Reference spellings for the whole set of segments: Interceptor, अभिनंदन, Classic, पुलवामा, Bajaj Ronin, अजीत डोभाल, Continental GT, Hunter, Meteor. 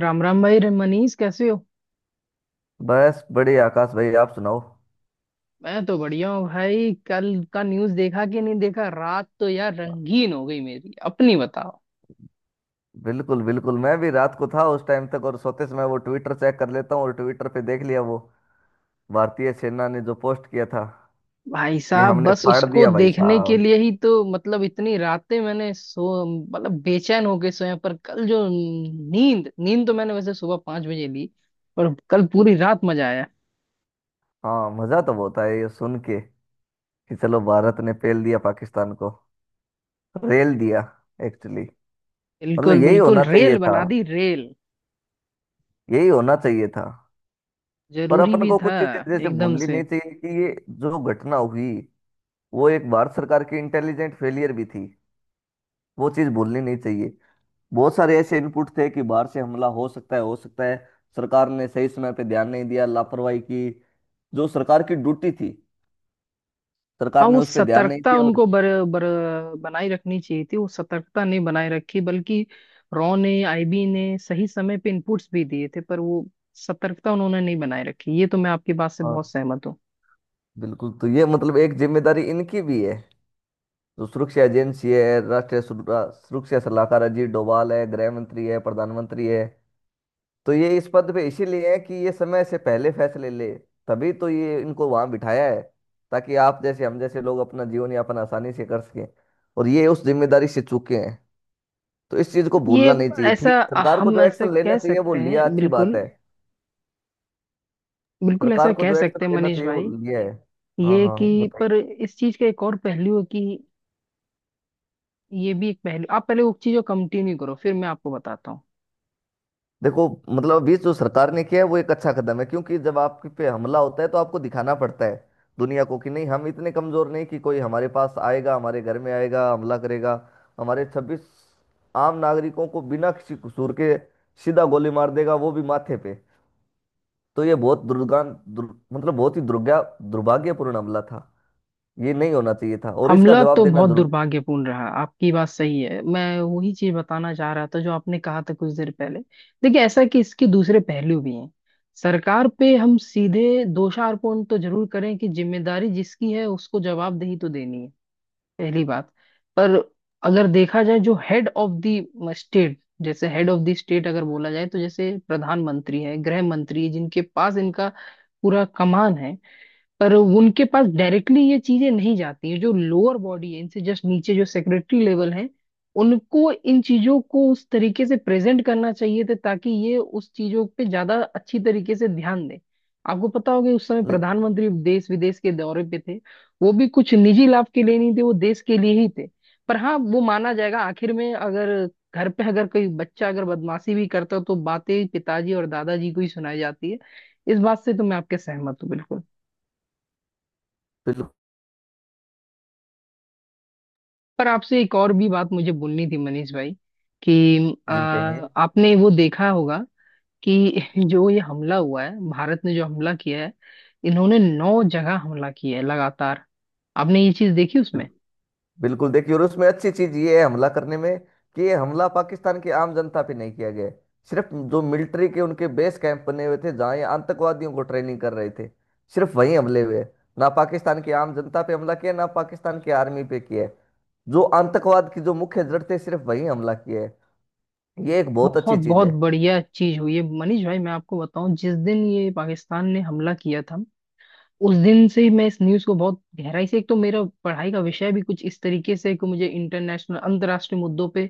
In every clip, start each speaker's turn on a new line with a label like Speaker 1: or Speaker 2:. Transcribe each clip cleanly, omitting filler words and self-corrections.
Speaker 1: राम राम भाई रे- मनीष कैसे हो।
Speaker 2: बस बढ़िया आकाश भाई। आप सुनाओ।
Speaker 1: मैं तो बढ़िया हूँ भाई। कल का न्यूज़ देखा कि नहीं देखा? रात तो यार रंगीन हो गई। मेरी अपनी बताओ।
Speaker 2: बिल्कुल बिल्कुल, मैं भी रात को था उस टाइम तक और सोते समय वो ट्विटर चेक कर लेता हूँ और ट्विटर पे देख लिया वो भारतीय सेना ने जो पोस्ट किया था
Speaker 1: भाई
Speaker 2: कि
Speaker 1: साहब
Speaker 2: हमने
Speaker 1: बस
Speaker 2: फाड़
Speaker 1: उसको
Speaker 2: दिया भाई
Speaker 1: देखने के
Speaker 2: साहब।
Speaker 1: लिए ही तो मतलब इतनी रातें मैंने सो मतलब बेचैन होके सोया। पर कल जो नींद नींद तो मैंने वैसे सुबह 5 बजे ली। पर कल पूरी रात मजा आया।
Speaker 2: हाँ, मजा तो बहुत आया ये सुन के कि चलो भारत ने पेल दिया पाकिस्तान को, रेल दिया एक्चुअली।
Speaker 1: बिल्कुल
Speaker 2: मतलब यही
Speaker 1: बिल्कुल,
Speaker 2: होना चाहिए
Speaker 1: रेल
Speaker 2: था,
Speaker 1: बना दी रेल।
Speaker 2: यही होना चाहिए था। पर
Speaker 1: जरूरी
Speaker 2: अपन
Speaker 1: भी
Speaker 2: को कुछ
Speaker 1: था।
Speaker 2: चीजें जैसे
Speaker 1: एकदम
Speaker 2: भूलनी
Speaker 1: से।
Speaker 2: नहीं चाहिए कि ये जो घटना हुई वो एक भारत सरकार की इंटेलिजेंट फेलियर भी थी। वो चीज भूलनी नहीं चाहिए। बहुत सारे ऐसे इनपुट थे कि बाहर से हमला हो सकता है, हो सकता है। सरकार ने सही समय पे ध्यान नहीं दिया, लापरवाही की। जो सरकार की ड्यूटी थी,
Speaker 1: हाँ,
Speaker 2: सरकार ने
Speaker 1: वो
Speaker 2: उस पर ध्यान नहीं
Speaker 1: सतर्कता
Speaker 2: दिया और
Speaker 1: उनको बर, बर, बनाए रखनी चाहिए थी। वो सतर्कता नहीं बनाए रखी, बल्कि रॉ ने आईबी ने सही समय पे इनपुट्स भी दिए थे, पर वो सतर्कता उन्होंने नहीं बनाए रखी। ये तो मैं आपकी बात से
Speaker 2: हाँ,
Speaker 1: बहुत सहमत हूँ।
Speaker 2: बिल्कुल। तो ये मतलब एक जिम्मेदारी इनकी भी है, जो सुरक्षा एजेंसी है। राष्ट्रीय सुरक्षा, सुरक्षा सलाहकार अजीत डोभाल है, गृह मंत्री है, प्रधानमंत्री है। तो ये इस पद पे इसीलिए है कि ये समय से पहले फैसले ले। तभी तो ये इनको वहां बिठाया है ताकि आप जैसे हम जैसे लोग अपना जीवन यापन आसानी से कर सकें। और ये उस जिम्मेदारी से चूके हैं। तो इस चीज को
Speaker 1: ये
Speaker 2: भूलना नहीं चाहिए।
Speaker 1: ऐसा,
Speaker 2: ठीक है, सरकार को
Speaker 1: हम
Speaker 2: जो
Speaker 1: ऐसा
Speaker 2: एक्शन लेना
Speaker 1: कह
Speaker 2: चाहिए वो
Speaker 1: सकते
Speaker 2: लिया,
Speaker 1: हैं।
Speaker 2: अच्छी बात
Speaker 1: बिल्कुल
Speaker 2: है।
Speaker 1: बिल्कुल ऐसा
Speaker 2: सरकार को
Speaker 1: कह
Speaker 2: जो एक्शन
Speaker 1: सकते हैं
Speaker 2: लेना
Speaker 1: मनीष
Speaker 2: चाहिए वो
Speaker 1: भाई।
Speaker 2: लिया है। हाँ
Speaker 1: ये
Speaker 2: हाँ,
Speaker 1: कि पर
Speaker 2: बताइए।
Speaker 1: इस चीज का एक और पहलू है कि ये भी एक पहलू। आप पहले उस चीज को कंटिन्यू करो, फिर मैं आपको बताता हूँ।
Speaker 2: देखो, मतलब अभी जो सरकार ने किया है वो एक अच्छा कदम है, क्योंकि जब आप पे हमला होता है तो आपको दिखाना पड़ता है दुनिया को कि नहीं, हम इतने कमजोर नहीं कि कोई हमारे पास आएगा, हमारे घर में आएगा, हमला करेगा, हमारे 26 आम नागरिकों को बिना किसी कसूर के सीधा गोली मार देगा, वो भी माथे पे। तो ये बहुत मतलब बहुत ही दुर्गा दुर्भाग्यपूर्ण हमला था। ये नहीं होना चाहिए था और इसका
Speaker 1: हमला
Speaker 2: जवाब
Speaker 1: तो
Speaker 2: देना
Speaker 1: बहुत
Speaker 2: जरूरी।
Speaker 1: दुर्भाग्यपूर्ण रहा, आपकी बात सही है। मैं वही चीज बताना चाह रहा था जो आपने कहा था कुछ देर पहले। देखिए, ऐसा है कि इसके दूसरे पहलू भी हैं। सरकार पे हम सीधे दोषारोपण तो जरूर करें कि जिम्मेदारी जिसकी है उसको जवाबदेही तो देनी है, पहली बात। पर अगर देखा जाए जो हेड ऑफ द स्टेट, जैसे हेड ऑफ द स्टेट अगर बोला जाए तो जैसे प्रधानमंत्री है, गृह मंत्री है, जिनके पास इनका पूरा कमान है। पर उनके पास डायरेक्टली ये चीजें नहीं जाती है। जो लोअर बॉडी है इनसे जस्ट नीचे जो सेक्रेटरी लेवल है, उनको इन चीजों को उस तरीके से प्रेजेंट करना चाहिए था, ताकि ये उस चीजों पे ज्यादा अच्छी तरीके से ध्यान दें। आपको पता होगा उस समय
Speaker 2: नहीं,
Speaker 1: प्रधानमंत्री देश विदेश के दौरे पे थे। वो भी कुछ निजी लाभ के लिए नहीं थे, वो देश के लिए ही थे। पर हाँ, वो माना जाएगा आखिर में। अगर घर पे अगर कोई बच्चा अगर बदमाशी भी करता तो बातें पिताजी और दादाजी को ही सुनाई जाती है। इस बात से तो मैं आपके सहमत हूँ बिल्कुल।
Speaker 2: बिल्कुल।
Speaker 1: पर आपसे एक और भी बात मुझे बोलनी थी मनीष भाई कि
Speaker 2: जी कहिए।
Speaker 1: आपने वो देखा होगा कि जो ये हमला हुआ है, भारत ने जो हमला किया है, इन्होंने 9 जगह हमला किया है लगातार। आपने ये चीज देखी
Speaker 2: बिल-
Speaker 1: उसमें?
Speaker 2: बिल्कुल देखिए, और उसमें अच्छी चीज ये है हमला करने में कि ये हमला पाकिस्तान की आम जनता पे नहीं किया गया है। सिर्फ जो मिलिट्री के उनके बेस कैंप बने हुए थे जहाँ ये आतंकवादियों को ट्रेनिंग कर रहे थे, सिर्फ वहीं हमले हुए हैं। ना पाकिस्तान की आम जनता पे हमला किया, ना पाकिस्तान की आर्मी पे किया है। जो आतंकवाद की जो मुख्य जड़ थे, सिर्फ वहीं हमला किया है। ये एक बहुत अच्छी
Speaker 1: बहुत
Speaker 2: चीज
Speaker 1: बहुत
Speaker 2: है।
Speaker 1: बढ़िया चीज हुई है मनीष भाई। मैं आपको बताऊं, जिस दिन ये पाकिस्तान ने हमला किया था, उस दिन से ही मैं इस न्यूज़ को बहुत गहराई से, एक तो मेरा पढ़ाई का विषय भी कुछ इस तरीके से है कि मुझे इंटरनेशनल अंतर्राष्ट्रीय मुद्दों पे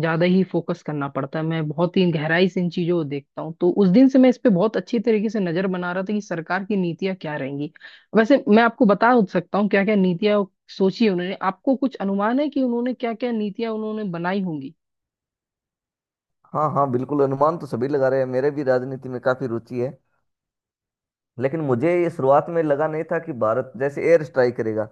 Speaker 1: ज्यादा ही फोकस करना पड़ता है। मैं बहुत ही गहराई से इन चीजों को देखता हूँ, तो उस दिन से मैं इस पे बहुत अच्छी तरीके से नजर बना रहा था कि सरकार की नीतियां क्या रहेंगी। वैसे मैं आपको बता सकता हूँ क्या क्या नीतियां सोची है उन्होंने। आपको कुछ अनुमान है कि उन्होंने क्या क्या नीतियां उन्होंने बनाई होंगी?
Speaker 2: हाँ हाँ, बिल्कुल। अनुमान तो सभी लगा रहे हैं, मेरे भी राजनीति में काफी रुचि है। लेकिन मुझे ये शुरुआत में लगा नहीं था कि भारत जैसे एयर स्ट्राइक करेगा।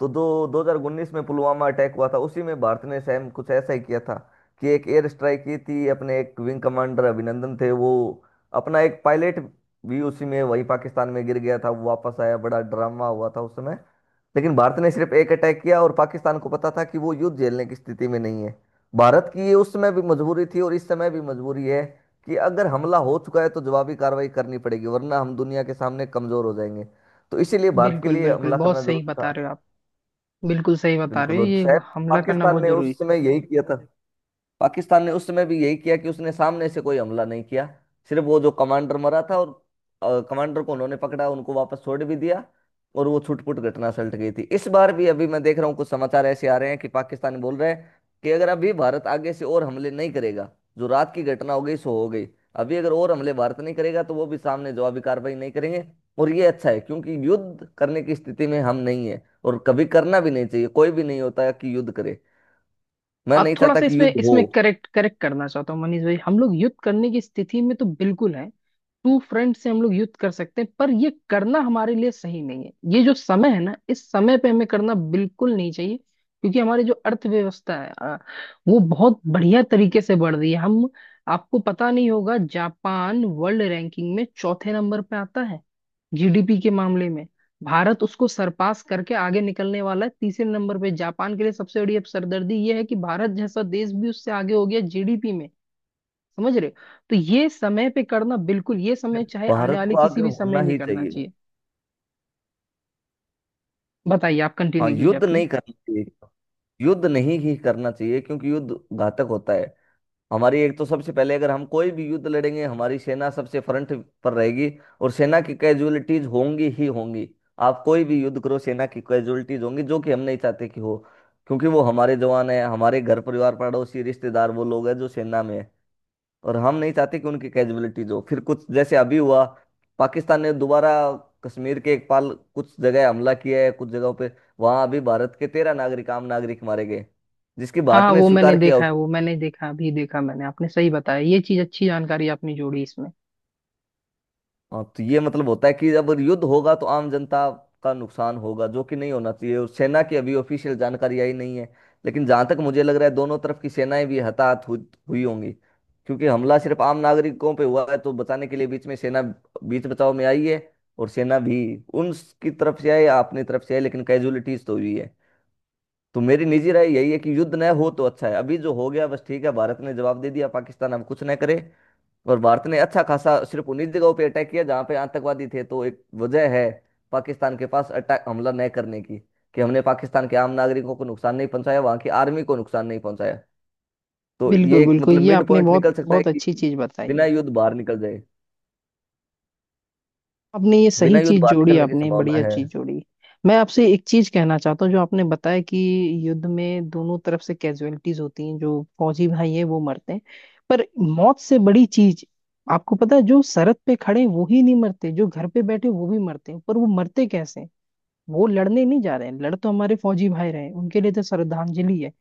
Speaker 2: तो दो 2019 में पुलवामा अटैक हुआ था, उसी में भारत ने सेम कुछ ऐसा ही किया था कि एक एयर स्ट्राइक की थी। अपने एक विंग कमांडर अभिनंदन थे वो, अपना एक पायलट भी उसी में वही पाकिस्तान में गिर गया था। वो वापस आया, बड़ा ड्रामा हुआ था उस समय। लेकिन भारत ने सिर्फ एक अटैक किया और पाकिस्तान को पता था कि वो युद्ध झेलने की स्थिति में नहीं है। भारत की ये उस समय भी मजबूरी थी और इस समय भी मजबूरी है कि अगर हमला हो चुका है तो जवाबी कार्रवाई करनी पड़ेगी, वरना हम दुनिया के सामने कमजोर हो जाएंगे। तो इसीलिए भारत के
Speaker 1: बिल्कुल
Speaker 2: लिए
Speaker 1: बिल्कुल,
Speaker 2: हमला
Speaker 1: बहुत
Speaker 2: करना
Speaker 1: सही
Speaker 2: जरूरी था।
Speaker 1: बता रहे हो आप। बिल्कुल सही बता रहे
Speaker 2: बिल्कुल,
Speaker 1: हो,
Speaker 2: और
Speaker 1: ये
Speaker 2: शायद
Speaker 1: हमला करना
Speaker 2: पाकिस्तान
Speaker 1: बहुत
Speaker 2: ने
Speaker 1: जरूरी
Speaker 2: उस
Speaker 1: था।
Speaker 2: समय यही किया था। पाकिस्तान ने उस समय भी यही किया कि उसने सामने से कोई हमला नहीं किया, सिर्फ वो जो कमांडर मरा था और कमांडर को उन्होंने पकड़ा, उनको वापस छोड़ भी दिया और वो छुटपुट घटना सलट गई थी। इस बार भी अभी मैं देख रहा हूँ कुछ समाचार ऐसे आ रहे हैं कि पाकिस्तान बोल रहे हैं कि अगर अभी भारत आगे से और हमले नहीं करेगा, जो रात की घटना हो गई सो हो गई, अभी अगर और हमले भारत नहीं करेगा तो वो भी सामने जवाबी कार्रवाई नहीं करेंगे। और ये अच्छा है, क्योंकि युद्ध करने की स्थिति में हम नहीं है और कभी करना भी नहीं चाहिए। कोई भी नहीं होता कि युद्ध करे, मैं
Speaker 1: आप
Speaker 2: नहीं
Speaker 1: थोड़ा
Speaker 2: चाहता
Speaker 1: सा
Speaker 2: कि
Speaker 1: इसमें
Speaker 2: युद्ध हो।
Speaker 1: इसमें करेक्ट करेक्ट करना चाहता हूँ मनीष भाई। हम लोग युद्ध करने की स्थिति में तो बिल्कुल है। टू फ्रंट से हम लोग युद्ध कर सकते हैं, पर ये करना हमारे लिए सही नहीं है। ये जो समय है ना, इस समय पे हमें करना बिल्कुल नहीं चाहिए। क्योंकि हमारी जो अर्थव्यवस्था है वो बहुत बढ़िया तरीके से बढ़ रही है। हम, आपको पता नहीं होगा, जापान वर्ल्ड रैंकिंग में चौथे नंबर पे आता है जीडीपी के मामले में। भारत उसको सरपास करके आगे निकलने वाला है तीसरे नंबर पे। जापान के लिए सबसे बड़ी अब सरदर्दी ये है कि भारत जैसा देश भी उससे आगे हो गया जीडीपी में। समझ रहे हो? तो ये समय पे करना बिल्कुल, ये समय चाहे आने
Speaker 2: भारत
Speaker 1: वाले
Speaker 2: को
Speaker 1: किसी
Speaker 2: आगे
Speaker 1: भी
Speaker 2: होना
Speaker 1: समय नहीं
Speaker 2: ही
Speaker 1: करना
Speaker 2: चाहिए।
Speaker 1: चाहिए। बताइए, आप
Speaker 2: हाँ,
Speaker 1: कंटिन्यू कीजिए
Speaker 2: युद्ध
Speaker 1: अपनी।
Speaker 2: नहीं करना चाहिए, युद्ध नहीं ही करना चाहिए, क्योंकि युद्ध घातक होता है। हमारी एक तो सबसे पहले, अगर हम कोई भी युद्ध लड़ेंगे हमारी सेना सबसे फ्रंट पर रहेगी और सेना की कैजुअलिटीज होंगी ही होंगी। आप कोई भी युद्ध करो, सेना की कैजुअलिटीज होंगी, जो कि हम नहीं चाहते कि हो। क्योंकि वो हमारे जवान है, हमारे घर परिवार पड़ोसी रिश्तेदार वो लोग हैं जो सेना में है। और हम नहीं चाहते कि उनकी कैजुअलिटीज हो। फिर कुछ जैसे अभी हुआ, पाकिस्तान ने दोबारा कश्मीर के एक पाल कुछ जगह हमला किया है, कुछ जगहों पे। वहां अभी भारत के 13 नागरिक, आम नागरिक मारे गए, जिसकी भारत
Speaker 1: हाँ
Speaker 2: ने
Speaker 1: वो मैंने
Speaker 2: स्वीकार किया।
Speaker 1: देखा है, वो मैंने देखा अभी, देखा मैंने। आपने सही बताया, ये चीज अच्छी जानकारी आपने जोड़ी इसमें।
Speaker 2: हाँ, तो ये मतलब होता है कि जब युद्ध होगा तो आम जनता का नुकसान होगा, जो कि नहीं होना चाहिए। और सेना की अभी ऑफिशियल जानकारी आई नहीं है, लेकिन जहां तक मुझे लग रहा है दोनों तरफ की सेनाएं भी हताहत हुई हुई होंगी। क्योंकि हमला सिर्फ आम नागरिकों पे हुआ है तो बचाने के लिए बीच में सेना, बीच बचाव में आई है। और सेना भी उनकी तरफ से आई या अपनी तरफ से आई, लेकिन कैजुअलिटीज तो हुई है। तो मेरी निजी राय यही है कि युद्ध न हो तो अच्छा है, अभी जो हो गया बस ठीक है, भारत ने जवाब दे दिया, पाकिस्तान अब कुछ न करे। और भारत ने अच्छा खासा सिर्फ उन्हीं जगहों पे अटैक किया जहां पे आतंकवादी थे, तो एक वजह है पाकिस्तान के पास अटैक हमला न करने की कि हमने पाकिस्तान के आम नागरिकों को नुकसान नहीं पहुंचाया, वहां की आर्मी को नुकसान नहीं पहुंचाया। तो ये
Speaker 1: बिल्कुल
Speaker 2: एक
Speaker 1: बिल्कुल,
Speaker 2: मतलब
Speaker 1: ये
Speaker 2: मिड
Speaker 1: आपने
Speaker 2: पॉइंट
Speaker 1: बहुत
Speaker 2: निकल सकता है
Speaker 1: बहुत
Speaker 2: कि
Speaker 1: अच्छी चीज बताई
Speaker 2: बिना
Speaker 1: है।
Speaker 2: युद्ध बाहर निकल जाए,
Speaker 1: आपने ये
Speaker 2: बिना
Speaker 1: सही
Speaker 2: युद्ध
Speaker 1: चीज
Speaker 2: बाहर
Speaker 1: जोड़ी,
Speaker 2: निकलने की
Speaker 1: आपने
Speaker 2: संभावना
Speaker 1: बढ़िया
Speaker 2: है।
Speaker 1: चीज जोड़ी। मैं आपसे एक चीज कहना चाहता हूँ, जो आपने बताया कि युद्ध में दोनों तरफ से कैजुअलिटीज होती हैं, जो फौजी भाई हैं वो मरते हैं। पर मौत से बड़ी चीज, आपको पता है, जो सरहद पे खड़े हैं, वो ही नहीं मरते, जो घर पे बैठे वो भी मरते हैं। पर वो मरते कैसे हैं? वो लड़ने नहीं जा रहे हैं, लड़ तो हमारे फौजी भाई रहे हैं, उनके लिए तो श्रद्धांजलि है।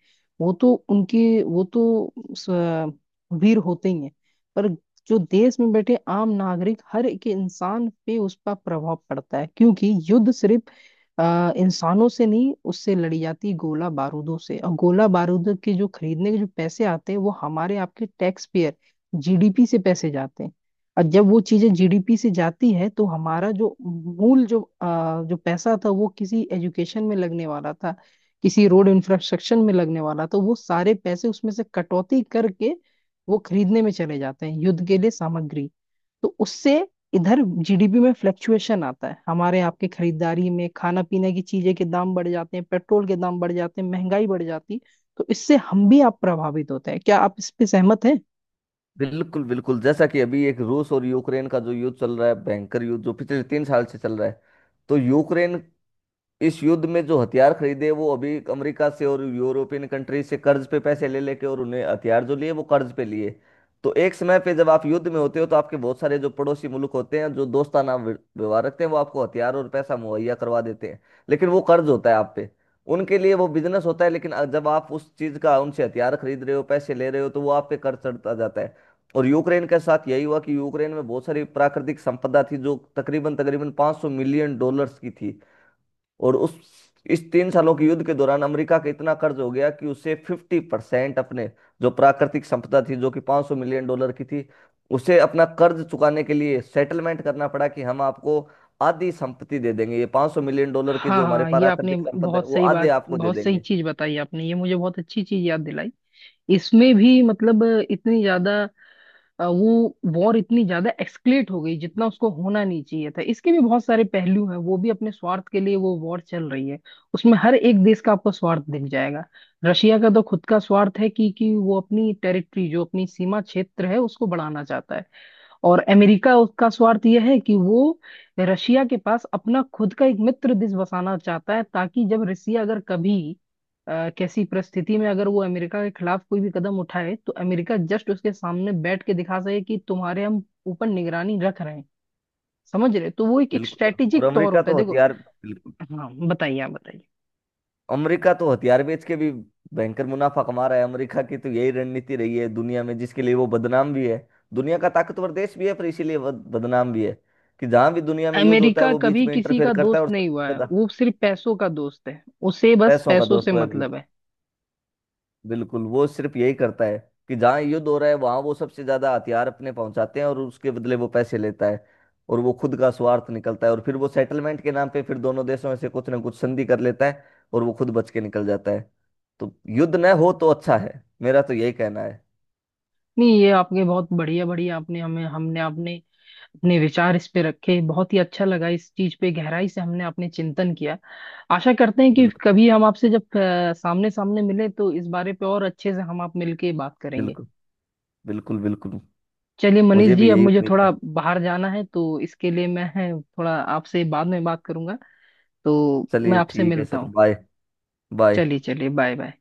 Speaker 1: वो तो उनके, वीर होते ही हैं। पर जो देश में बैठे आम नागरिक, हर एक इंसान पे उसका प्रभाव पड़ता है, क्योंकि युद्ध सिर्फ इंसानों से नहीं उससे लड़ी जाती, गोला बारूदों से, और गोला बारूद के जो खरीदने के जो पैसे आते हैं वो हमारे आपके टैक्स पेयर, जीडीपी से पैसे जाते हैं। और जब वो चीजें जीडीपी से जाती है तो हमारा जो मूल जो जो पैसा था वो किसी एजुकेशन में लगने वाला था, किसी रोड इंफ्रास्ट्रक्चर में लगने वाला, तो वो सारे पैसे उसमें से कटौती करके वो खरीदने में चले जाते हैं युद्ध के लिए सामग्री। तो उससे इधर जीडीपी में फ्लक्चुएशन आता है, हमारे आपके खरीदारी में खाना पीने की चीजें के दाम बढ़ जाते हैं, पेट्रोल के दाम बढ़ जाते हैं, महंगाई बढ़ जाती है। तो इससे हम भी आप प्रभावित होते हैं, क्या आप इस पे सहमत हैं?
Speaker 2: बिल्कुल बिल्कुल, जैसा कि अभी एक रूस और यूक्रेन का जो युद्ध चल रहा है, भयंकर युद्ध जो पिछले 3 साल से चल रहा है, तो यूक्रेन इस युद्ध में जो हथियार खरीदे वो अभी अमेरिका से और यूरोपियन कंट्री से कर्ज पे पैसे ले लेके, और उन्हें हथियार जो लिए वो कर्ज पे लिए। तो एक समय पे जब आप युद्ध में होते हो तो आपके बहुत सारे जो पड़ोसी मुल्क होते हैं जो दोस्ताना व्यवहार रखते हैं, वो आपको हथियार और पैसा मुहैया करवा देते हैं। लेकिन वो कर्ज होता है आप पे, उनके लिए वो बिजनेस होता है। लेकिन जब आप उस चीज का उनसे हथियार खरीद रहे हो, पैसे ले रहे हो, तो वो आप पे कर्ज चढ़ता जाता है। और यूक्रेन के साथ यही हुआ कि यूक्रेन में बहुत सारी प्राकृतिक संपदा थी जो तकरीबन तकरीबन 500 मिलियन डॉलर्स की थी। और उस इस 3 सालों के युद्ध के दौरान अमेरिका का इतना कर्ज हो गया कि उसे 50% अपने जो प्राकृतिक संपदा थी जो कि 500 मिलियन डॉलर की थी, उसे अपना कर्ज चुकाने के लिए सेटलमेंट करना पड़ा कि हम आपको आधी संपत्ति दे देंगे, ये 500 मिलियन डॉलर की
Speaker 1: हाँ
Speaker 2: जो हमारे
Speaker 1: हाँ, ये आपने
Speaker 2: प्राकृतिक संपदा है
Speaker 1: बहुत
Speaker 2: वो
Speaker 1: सही
Speaker 2: आधे
Speaker 1: बात,
Speaker 2: आपको दे
Speaker 1: बहुत सही
Speaker 2: देंगे।
Speaker 1: चीज बताई आपने, ये मुझे बहुत अच्छी चीज याद दिलाई। इसमें भी मतलब इतनी ज्यादा वो वॉर इतनी ज्यादा एक्सक्लेट हो गई जितना उसको होना नहीं चाहिए था। इसके भी बहुत सारे पहलू हैं, वो भी अपने स्वार्थ के लिए वो वॉर चल रही है। उसमें हर एक देश का आपको स्वार्थ दिख जाएगा। रशिया का तो खुद का स्वार्थ है कि वो अपनी टेरिटरी, जो अपनी सीमा क्षेत्र है उसको बढ़ाना चाहता है। और अमेरिका, उसका स्वार्थ यह है कि वो रशिया के पास अपना खुद का एक मित्र देश बसाना चाहता है, ताकि जब रसिया अगर कभी कैसी परिस्थिति में अगर वो अमेरिका के खिलाफ कोई भी कदम उठाए तो अमेरिका जस्ट उसके सामने बैठ के दिखा सके कि तुम्हारे हम ऊपर निगरानी रख रहे हैं। समझ रहे हो? तो वो एक
Speaker 2: बिल्कुल, और
Speaker 1: स्ट्रेटेजिक तौर
Speaker 2: अमेरिका
Speaker 1: होता है
Speaker 2: तो
Speaker 1: देखो।
Speaker 2: हथियार बिल्कुल,
Speaker 1: हाँ बताइए, आप बताइए।
Speaker 2: अमेरिका तो हथियार बेच के भी भयंकर मुनाफा कमा रहा है। अमेरिका की तो यही रणनीति रही है दुनिया में, जिसके लिए वो बदनाम भी है। दुनिया का ताकतवर देश भी है, पर इसीलिए वो बदनाम भी है कि जहाँ भी दुनिया में युद्ध होता है
Speaker 1: अमेरिका
Speaker 2: वो बीच
Speaker 1: कभी
Speaker 2: में
Speaker 1: किसी
Speaker 2: इंटरफेयर
Speaker 1: का
Speaker 2: करता है
Speaker 1: दोस्त
Speaker 2: और
Speaker 1: नहीं हुआ
Speaker 2: सबसे
Speaker 1: है,
Speaker 2: ज्यादा
Speaker 1: वो सिर्फ पैसों का दोस्त है। उसे बस
Speaker 2: पैसों का
Speaker 1: पैसों
Speaker 2: दोस्त
Speaker 1: से
Speaker 2: वो है।
Speaker 1: मतलब है।
Speaker 2: बिल्कुल, वो सिर्फ यही करता है कि जहाँ युद्ध हो रहा है वहां वो सबसे ज्यादा हथियार अपने पहुंचाते हैं और उसके बदले वो पैसे लेता है, और वो खुद का स्वार्थ निकलता है। और फिर वो सेटलमेंट के नाम पे फिर दोनों देशों में से कुछ ना कुछ संधि कर लेता है, और वो खुद बच के निकल जाता है। तो युद्ध न हो तो अच्छा है, मेरा तो यही कहना है।
Speaker 1: नहीं ये आपने बहुत बढ़िया, बढ़िया आपने, हमें हमने आपने अपने विचार इस पे रखे, बहुत ही अच्छा लगा। इस चीज पे गहराई से हमने अपने चिंतन किया। आशा करते हैं कि
Speaker 2: बिल्कुल
Speaker 1: कभी हम आपसे जब सामने सामने मिले तो इस बारे पे और अच्छे से हम आप मिलके बात करेंगे।
Speaker 2: बिल्कुल, बिल्कुल बिल्कुल।
Speaker 1: चलिए मनीष
Speaker 2: मुझे
Speaker 1: जी,
Speaker 2: भी
Speaker 1: अब
Speaker 2: यही
Speaker 1: मुझे
Speaker 2: उम्मीद
Speaker 1: थोड़ा
Speaker 2: है।
Speaker 1: बाहर जाना है, तो इसके लिए मैं थोड़ा आपसे बाद में बात करूंगा, तो मैं
Speaker 2: चलिए
Speaker 1: आपसे
Speaker 2: ठीक है
Speaker 1: मिलता
Speaker 2: सर,
Speaker 1: हूँ।
Speaker 2: बाय। बाय।
Speaker 1: चलिए चलिए, बाय बाय।